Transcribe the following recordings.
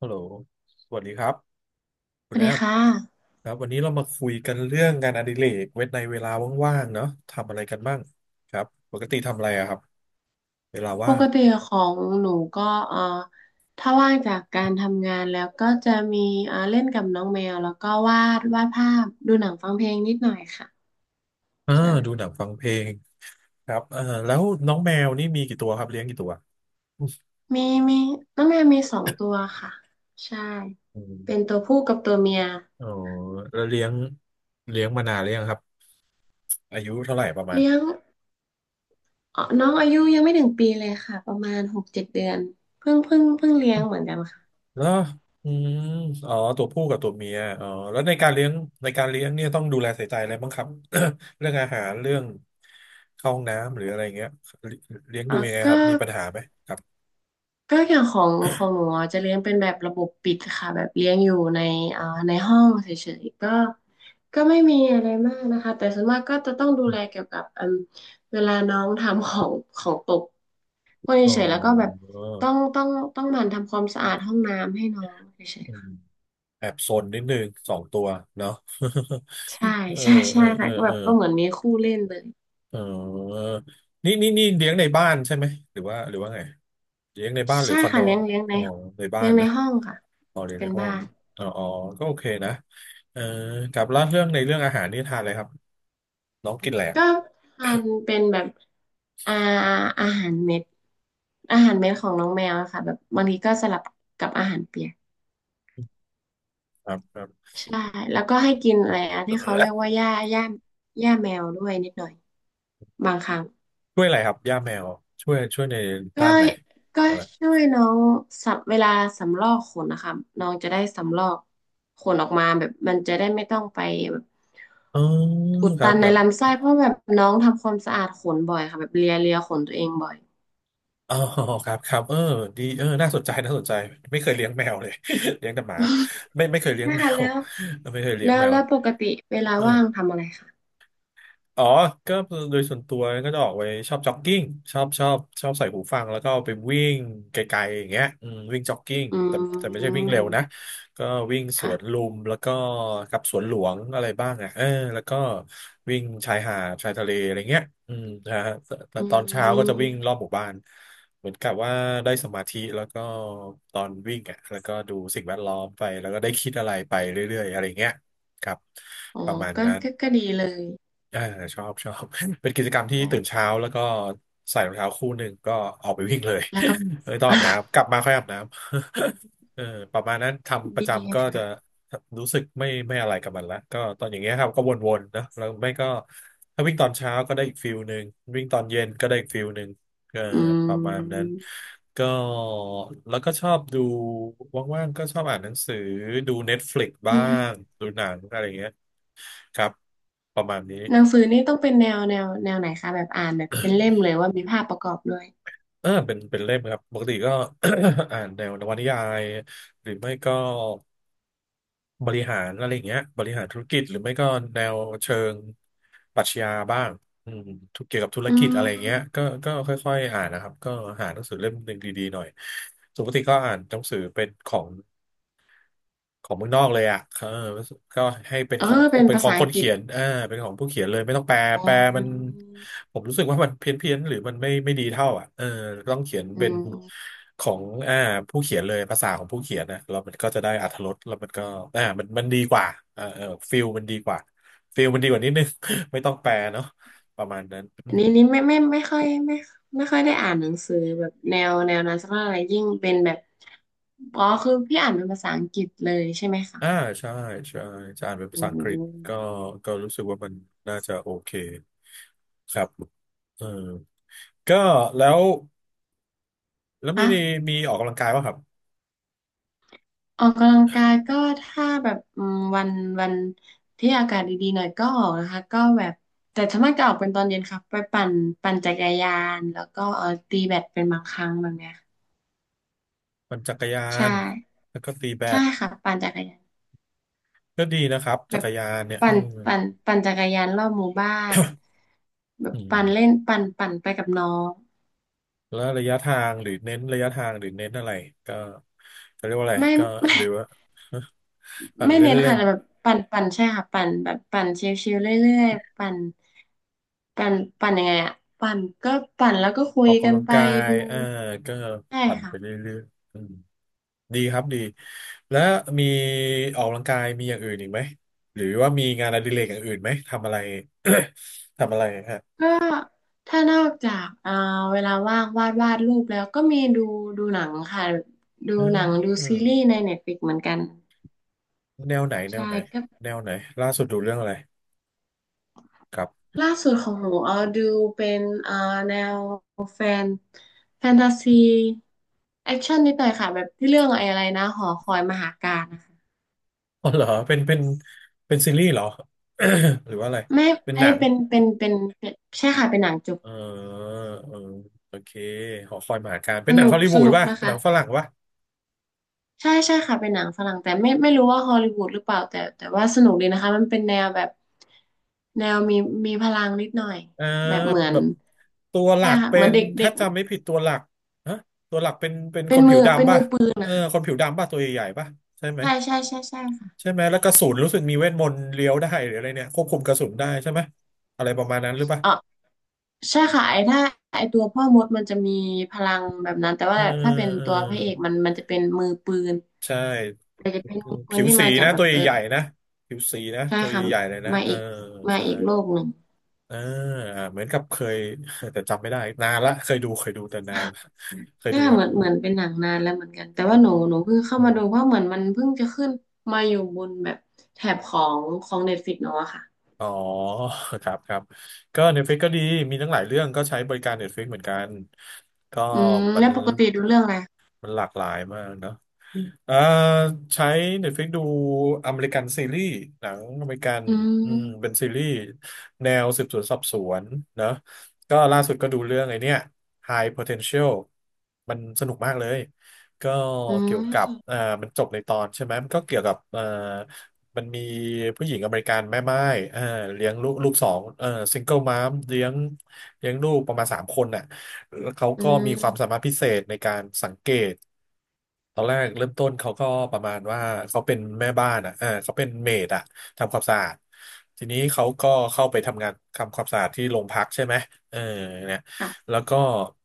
ฮัลโหลสวัสดีครับคุสณวัสแอดีมค่ะครับวันนี้เรามาคุยกันเรื่องงานอดิเรกเวนในเวลาว่างๆเนาะทำอะไรกันบ้างครับปกติทำอะไรอะครับเวลาปว่ากงติของหนูก็เอ่อถ้าว่างจากการทำงานแล้วก็จะมีเล่นกับน้องแมวแล้วก็วาดภาพดูหนังฟังเพลงนิดหน่อยค่ะอ่าดูหใช่นังฟังเพลงครับแล้วน้องแมวนี่มีกี่ตัวครับเลี้ยงกี่ตัวมีมีน้องแมวมีสองตัวค่ะใช่อืเป็นมตัวผู้กับตัวเมียอ๋อแล้วเลี้ยงมานานหรือยังครับอายุเท่าไหร่ประมาณ เลี้ยงน้องอายุยังไม่ถึงปีเลยค่ะประมาณ6-7 เดือนเพิ่งเลี้ยงเหมือนกันค่ะแล้วอืมอ๋อตัวผู้กับตัวเมียอ๋อแล้วในการเลี้ยงในการเลี้ยงเนี่ยต้องดูแลใส่ใจอะไรบ้างครับ เรื่องอาหารเรื่องเข้าห้องน้ำหรืออะไรเงี้ยเลี้ยงอ่อดูยังไงก็ ครับมีปัญหาไหมก็อย่างของหนูอ่ะจะเลี้ยงเป็นแบบระบบปิดค่ะแบบเลี้ยงอยู่ในในห้องเฉยๆก็ไม่มีอะไรมากนะคะแต่ส่วนมากก็จะต้องดูแลเกี่ยวกับเวลาน้องทำของตกพวกนี้อ๋อเฉยๆแล้วก็แบบต้องต้องต้องหมั่นทำความสะอาดห้องน้ำให้น้องเฉยอืๆมค่ะแอบซนนิดนึงสองตัวเนาะ ใช่ เออใช่เอใช่อเอค่ะอก็แบเออบก็เหมือนมีคู่เล่นเลยเออนี่นี่นี่เลี้ยงในบ้านใช่ไหมหรือว่าหรือว่าไงเลี้ยงในบ้านหรือใช่คอนโดค่ะคเลี้รัยบงเลี้ยงในอ๋อในบ้าเลี้นยงในนะ ห้องค่ะอ๋อเรียนเป็ในนห้อบ้างน อ๋ออ๋อก็โอเคนะเออกับล่าเรื่องในเรื่องอาหารนี่ทานอะไรครับน้องกินอะไรอะก็ทานเป็นแบบอาอาหารเม็ดอาหารเม็ดของน้องแมวอะค่ะแบบบางทีก็สลับกับอาหารเปียกครับครับ ใช่แล้วก็ให้กินอะไรอะที่เขาเรียกว่าหญ้าหญ้าแมวด้วยนิดหน่อยบางครั้งช่วยอะไรครับ ย่าแมว ช่วยในก็ด้านไหนก็อะไรช่วยน้องสับเวลาสำรอกขนนะคะน้องจะได้สำรอกขนออกมาแบบมันจะได้ไม่ต้องไปแบบอ๋ออุดครัตับนคในรับลำไส้เพราะแบบน้องทำความสะอาดขนบ่อยค่ะแบบเลียเลียขนตัวเองบ่อย อ๋อครับครับเออดีเออน่าสนใจน่าสนใจไม่เคยเลี้ยงแมวเลย เลี้ยงแต่หมาไม่เคยเลี้ ยงนะแมคะวแล้ว ไม่เคยเลี้ยแล้งวแมวแล้วปกติเวลาเอว่าอ งทำอะไรคะอ๋อก็โดยส่วนตัวก็จะออกไปชอบจ็อกกิ้งชอบใส่หูฟังแล้วก็ไปวิ่งไกลๆอย่างเงี้ยอืมวิ่งจ็อกกิ้งอืแต่ไม่ใช่วิ่งเร็วนะมก็วิ่งสวนค่ะลุมแล้วก็กับสวนหลวงอะไรบ้างอ่ะเออแล้วก็วิ่งชายหาดชายทะเลอะไรเงี้ยอืมนะฮะแต่อืตอนเช้าก็จะวิ่งรมอบหมู่บ้านเหมือนกับว่าได้สมาธิแล้วก็ตอนวิ่งอ่ะแล้วก็ดูสิ่งแวดล้อมไปแล้วก็ได้คิดอะไรไปเรื่อยๆอะไรเงี้ยครับอ๋อประมาณก็นั้น ก็ก็ดีเลยอ่าชอบ เป็นกิจกรรมที่ไดตื่น้เช้าแล้วก็ใส่รองเท้าคู่หนึ่งก็ออกไปวิ่งเลย แล้วก็ ไม่ต้องอาบ น้ำกลับมาค่อยอาบน้ำ เออประมาณนั้นทำประดีจำก็จะค่ะรู้สึกไม่อะไรกับมันละก็ตอนอย่างเงี้ยครับก็วนๆนะแล้วไม่ก็ถ้าวิ่งตอนเช้าก็ได้อีกฟิลหนึ่งวิ่งตอนเย็นก็ได้อีกฟิลหนึ่งเอออืประมาณนั้นมก็แล้วก็ชอบดูว่างๆก็ชอบอ่านหนังสือดู Netflix อืบ้างมดูหนังอะไรอย่างเงี้ยครับประมาณนี้ หนังสือนี่ต้องเป็นแนวไหนคะ แบบอ่านแบบเป็นเล่มเลยว่ามีภาพประกอบด้วยเออเป็นเล่มครับปกติก็ อ่านแนวนวนิยายหรือไม่ก็บริหารอะไรอย่างเงี้ยบริหารธุรกิจหรือไม่ก็แนวเชิงปรัชญาบ้างอืมทุกเกี่ยวกับธุรอืกิจอะไรอย่างเงี้ยมก็ก็ค่อยๆอ่านนะครับก็หาหนังสือเล่มหนึ่งดีๆหน่อยส่วนปกติก็อ่านหนังสือเป็นของ ของเมืองนอกเลยอ่ะเออก็ให้เป็นเอขอองเป็นเป็นภาของษาคอันงกฤเขีษยนเออเป็นของผู้เขียนเลยไม่ต้องแปลอ๋แปลมันอผมรู้สึกว่ามันเพี้ยนเพียนหรือมันไม่ดีเท่าอ่ะเออต้องเขียนอืเป็นม ของอ่าผู้เขียนเลยภาษาของผู้เขียนนะแล้วมันก็จะได้อรรถรสแล้วมันก็อ่ามันดีกว่าเออเออฟิลมันดีกว่าฟิลมันดีกว่านิดนึง ไม่ต้องแปลเนาะประมาณนั้นอือันมนี้นี่ไม่ค่อยได้อ่านหนังสือแบบแนวนั้นสักเท่าไหร่ยิ่งเป็นแบบอ๋อคือพี่อ่านเป็นภาษาอังกฤษเลยใช่ไหมคะอ่าใช่ใช่จะอ่านเป็นอืภาษาอังกฤษก็มก็รู้สึกว่ามันน่าจะโอเคครับเออ ก็แล้วแล้วมีคะมีออกกำลังกายป่ะครับออกกำลังกายก็ถ้าแบบวันที่อากาศดีๆหน่อยก็ออกนะคะก็แบบแต่ส่วนมากจะออกเป็นตอนเย็นครับไปปั่นจักรยานแล้วก็เออตีแบดเป็นบางครั้งแบบเนี้ยปั่นจักรยานใช่แล้วก็ตีแบใช่ดค่ะปั่นจักรยาน ก็ดีนะครับแบจักบรยานเนี่ยเอปั่อนปั่นจักรยานรอบหมู่บ้านแบบอืมปั่นเล่นปั่นไปกับน้องแล้วระยะทางหรือเน้นระยะทางหรือเน้นอะไรก็จะเรียกว่าอะไรไม่ก็ไม่หรือว่า ปั่นไม่เน้นเล่ค่ะนแต่แบบปั่นใช่ค่ะปั่นแบบปั่นชิลๆเรื่อยๆปั่นปั่นยังไงอะปั่นก็ปั่นแล้วก็คุๆอยอกกักำนลังไปกายดูเออก็ใช่ปั่นไปค่ะเรื่อยๆอืมดีครับดีแล้วมีออกกำลังกายมีอย่างอื่นอีกไหมหรือว่ามีงานอดิเรกอย่างอื่นไหมทำอะไร ทำอะไรฮะก็ถ้านอกจากเวลาว่างวาดรูปแล้วก็มีดูหนังค่ะดูอืหนังดูซีรีส์ม ในเน็ตฟลิกเหมือนกันแนวไหนแนใช่ วไหนแนวไหนล่าสุดดูเรื่องอะไรครับ ล่าสุดของหนูดูเป็นแนวแฟนแฟนตาซีแอคชั่นนิดหน่อยค่ะแบบที่เรื่องไอ้อะไรนะหอคอยมหาการนะคะ อ๋อเหรอเป็นซีรีส์เหรอ หรือว่าอะไรไม่เป็นอันหนันี้งเป็นใช่ค่ะเป็นหนังจบเออเออโอเคหอคอยมหาการเป็สนหนังนุฮอกลลีสวูดนุกป่ะนะเป็นหคะนังฝรั่งป่ะใช่ใช่ค่ะเป็นหนังฝรั่งแต่ไม่รู้ว่าฮอลลีวูดหรือเปล่าแต่แต่ว่าสนุกดีนะคะมันเป็นแนวแบบแนวมีพลังนิดหน่อยเออแบบเหมือนแบบตัวหลัใช่กค่ะเป็เหมือนนเด็กเด็ถ้ากจำไม่ผิดตัวหลักฮะตัวหลักเป็นคเป็นนผิมืวอเป็นดำป่ะมือปืนเออคนผิวดำป่ะตัวใหญ่ๆป่ะใช่ไหมใช่ใช่ใช่ใช่ค่ะใช่ไหมแล้วกระสุนรู้สึกมีเวทมนต์เลี้ยวได้หรืออะไรเนี่ยควบคุมกระสุนได้ใช่ไหมอะไรประมาณนั้นหรือป่ะเออ ใช่ค่ะไอ้ตัวพ่อมดมันจะมีพลังแบบนั้นแต่เอว่าอถ้าเป็นเออตัวพระเอกมันจะเป็นมือปืนใช่ แต่จะเป็นมือปืผินวที่สีมาจากนะแบตับวเอใหญ่อๆนะผิวสีนะใช่ตัวค่ะใหญ่ๆเลยนะมาเอออีกมาใช่อีกโลกหนึ่งเอออ่าเหมือนกับเคย แต่จำไม่ได้นานละเคยดูแต่นานละเคยใช่ดูค่ะครัเหบมือนเหมือนเป็นหนังนานแล้วเหมือนกันแต่ว่าหนูเพิ่งเข้าอืมาดูมเพราะเหมือนมันเพิ่งจะขึ้นมาอยู่บนแบบแถบของเน็ตฟลิกซ์เนาะค่ะอ๋อครับก็ Netflix ก็ดีมีทั้งหลายเรื่องก็ใช้บริการ Netflix เหมือนกันก็อืมมัแล้นวปกติดูเรื่องอะไรมันหลากหลายมากเนอะ เอ่อใช้ Netflix ดูอเมริกันซีรีส์หนังอเมริกันอือืมเป็นมซีรีส์แนวสืบสวนสอบสวนเนอะก็ล่าสุดก็ดูเรื่องไอ้เนี่ย High Potential มันสนุกมากเลยก็อืเกี่ยวกับมมันจบในตอนใช่ไหมมันก็เกี่ยวกับมันมีผู้หญิงอเมริกันแม่ไม้เอ่อเลี้ยงลูกสองซิงเกิลมามเลี้ยงเลี้ยงลูกประมาณสามคนน่ะ เขาอืก็มีความสามมารถพิเศษในการสังเกตตอนแรกเริ่มต้นเขาก็ประมาณว่าเขาเป็นแม่บ้านอ่ะเออเขาเป็นเมดอะทำความสะอาดทีนี้เขาก็เข้าไปทำงานทำความสะอาดที่โรงพักใช่ไหมเออเนี่ยค่ะแล้วก็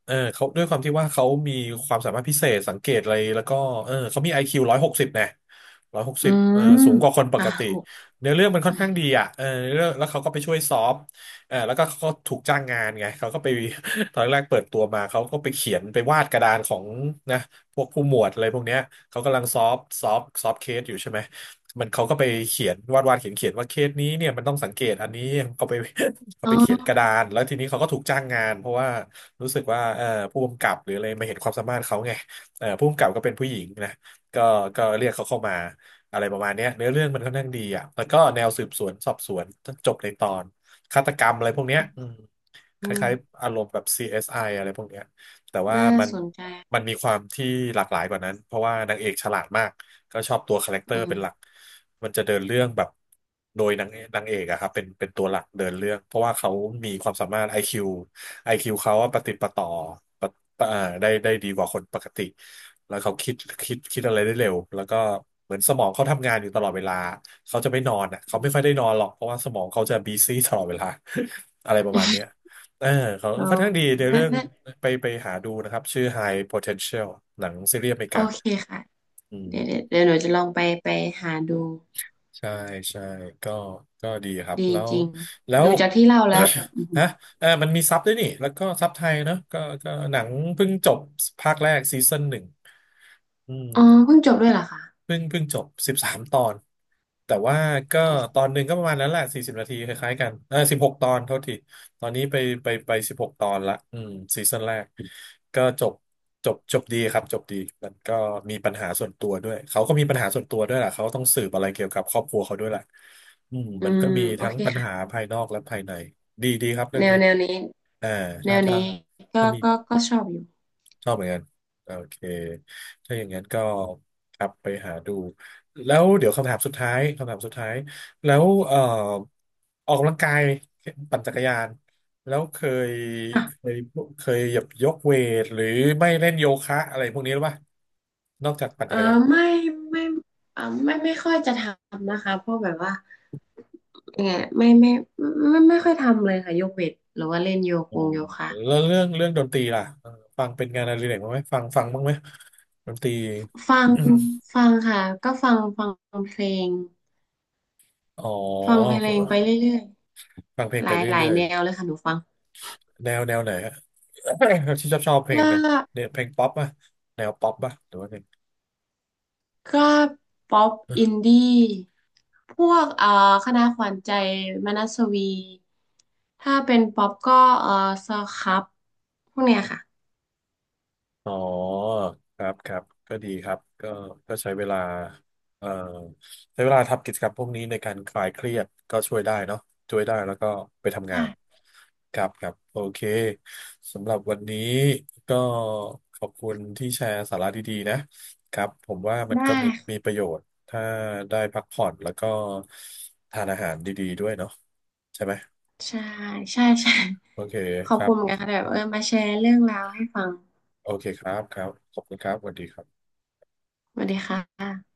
เออเขาด้วยความที่ว่าเขามีความสามารถพิเศษสังเกตอะไรแล้วก็เออเขามี IQ ร้อยหกสิบนะร้อยหกอืสิบเออมสูงกว่าคนปค่ะกติหกเนื้อเรื่องมันค่ออนมข้างดีอ่ะเออเนื้อเรื่องแล้วเขาก็ไปช่วยซอฟ เออแล้วก็เขาถูกจ้างงานไงเขาก็ไป ตอนแรกเปิดตัวมาเขาก็ไปเขียนไปวาดกระดานของนะพวกผู้หมวดอะไรพวกเนี้ยเขากำลังซอฟเคสอยู่ใช่ไหมมันเขาก็ไปเขียนวาดเขียนว่าเคสนี้เนี่ยมันต้องสังเกตอันนี้เขาไป เขาอ๋ไปเขียนกระดาอนแล้วทีนี้เขาก็ถูกจ้างงานเพราะว่ารู้สึกว่าผู้กำกับหรืออะไรมาเห็นความสามารถเขาไงเอ่อผู้กำกับก็เป็นผู้หญิงนะก็ก็เรียกเขาเข้ามาอะไรประมาณเนี้ยเนื้อเรื่องมันค่อนข้างดีอ่ะแล้วก็แนวสืบสวนสอบสวนจบในตอน ฆาตกรรมอะไรพวกเนี้ยอืม คอืล้ายมๆอารมณ์แบบ CSI อสไออะไรพวกเนี้ยแต่ว่าน่าสนใจ มันมีความที่หลากหลายกว่านั้น เพราะว่านางเอกฉลาดมาก ก็ชอบตัวคาแรคเตออืร์มเป็นหลัก มันจะเดินเรื่องแบบ โดยนางเอกอะครับเป็นตัวหลักเดินเรื่อง เพราะว่าเขามีความสามารถ IQ IQ เขาอะประติดประต่อปะปะอ่าได้ดีกว่าคนปกติ แล้วเขาคิดอะไรได้เร็ว แล้วก็เหมือนสมองเขาทำงานอยู่ตลอดเวลาเขาจะไม่นอนอ่ะเขาอืไม่มค่อยได้นอนหรอกเพราะว่าสมองเขาจะบีซี่ตลอดเวลา อะไรประมาณเนี้ย เออเขาลอค่อนข้างงดีในนะเรื่องนะไปหาดูนะครับชื่อ High Potential หนังซีรีส์อเมริโอกาเคค่ะ อืเดี๋ยวเดี๋ยวมเดี๋ยวหนูจะลองไปหาดูใช่ใช่ก็ก็ดีครับดีจริงแล้ว ดูจากที่เล่าแล้วแบบอือ หืนะอเออมันมีซับด้วยนี่แล้วก็ซับไทยเนอะก็หนังเพิ่งจบภาคแรกซีซั่นหนึ่งอืม อ๋อเพิ่งจบด้วยเหรอคะเพิ่งจบ13 ตอนแต่ว่าก็โอตเคอนหนึ่งก็ประมาณนั้นแหละ40 นาทีคล้ายๆกันเออสิบหกตอนเท่าทีตอนนี้ไปไปสิบหกตอนละอืมซีซั่นแรกก็จบดีครับจบดีมันก็มีปัญหาส่วนตัวด้วยเขาก็มีปัญหาส่วนตัวด้วยแหละเขาต้องสืบอะไรเกี่ยวกับครอบครัวเขาด้วยแหละอืมอืมันมก็มีโอทั้งเคปัญค่ะหาภายนอกและภายในดีครับเรื่อแนงวนี้แนวนี้อ่าแนถ้าวถ้านี้ก็ถ้ามี ก็ก็ชอบอยู่ชอบเหมือนกันโอเคถ้าอย่างนั้นก็กลับไปหาดูแล้วเดี๋ยวคำถามสุดท้ายแล้วเอ่อออกกำลังกายปั่นจักรยานแล้วยเคค่ะยเคยหยับยกเวทหรือไม่เล่นโยคะอะไรพวกนี้หรือเปล่านอกจากปั่นเอจัอกรยานไม่ไม่ไม่ค่อยจะทำนะคะเพราะแบบว่ายังไงไม่ไม่ไม่ค่อยทำเลยค่ะยกเวทหรือว่าเล่นโยกอืงมโยคะแล้วเรื่องดนตรีล่ะเออฟังเป็นงานอดิเรกบ้างไหมฟังบ้างไหมดนตรี ฟัง ฟังค่ะก็ฟังเพลง อ๋อฟังเพลงไปเรื่อยฟังเพลๆ งหไปลายเรหลายื่อย แนวเลยค่ะหนูฟังแนวไหนฮะ ที่ชอบเพลกงนะ็เนี่ยเพลงป๊อปป่ะแนวป๊อปป่ะหรือว่าไงก็ป๊อปอินดี้พวกคณะขวัญใจมนัสวี ถ้าเป็นป๊อปก็เอ่อสครับพวกเนี้ยค่ะอ๋อครับก็ดีครับก็ใช้เวลาเอ่อใช้เวลาทำกิจกรรมพวกนี้ในการคลายเครียดก็ช่วยได้เนาะช่วยได้แล้วก็ไปทำงาได้นครับโอเคสำหรับวันนี้ก็ขอบคุณที่แชร์สาระดีๆนะครับผมว่ามันได้ก็มีปค่ะระโยชน์ถ้าได้พักผ่อนแล้วก็ทานอาหารดีๆด้วยเนาะใช่ไหม ใช่ใช่ ใช่ โอเคขอคบรัคุบ ณเหมือนกันค่ะที่แบบเออมาแชร์เรื่องราวให้ฟังโอเคครับขอบคุณครับสวัสดีครับสวัสดีค่ะ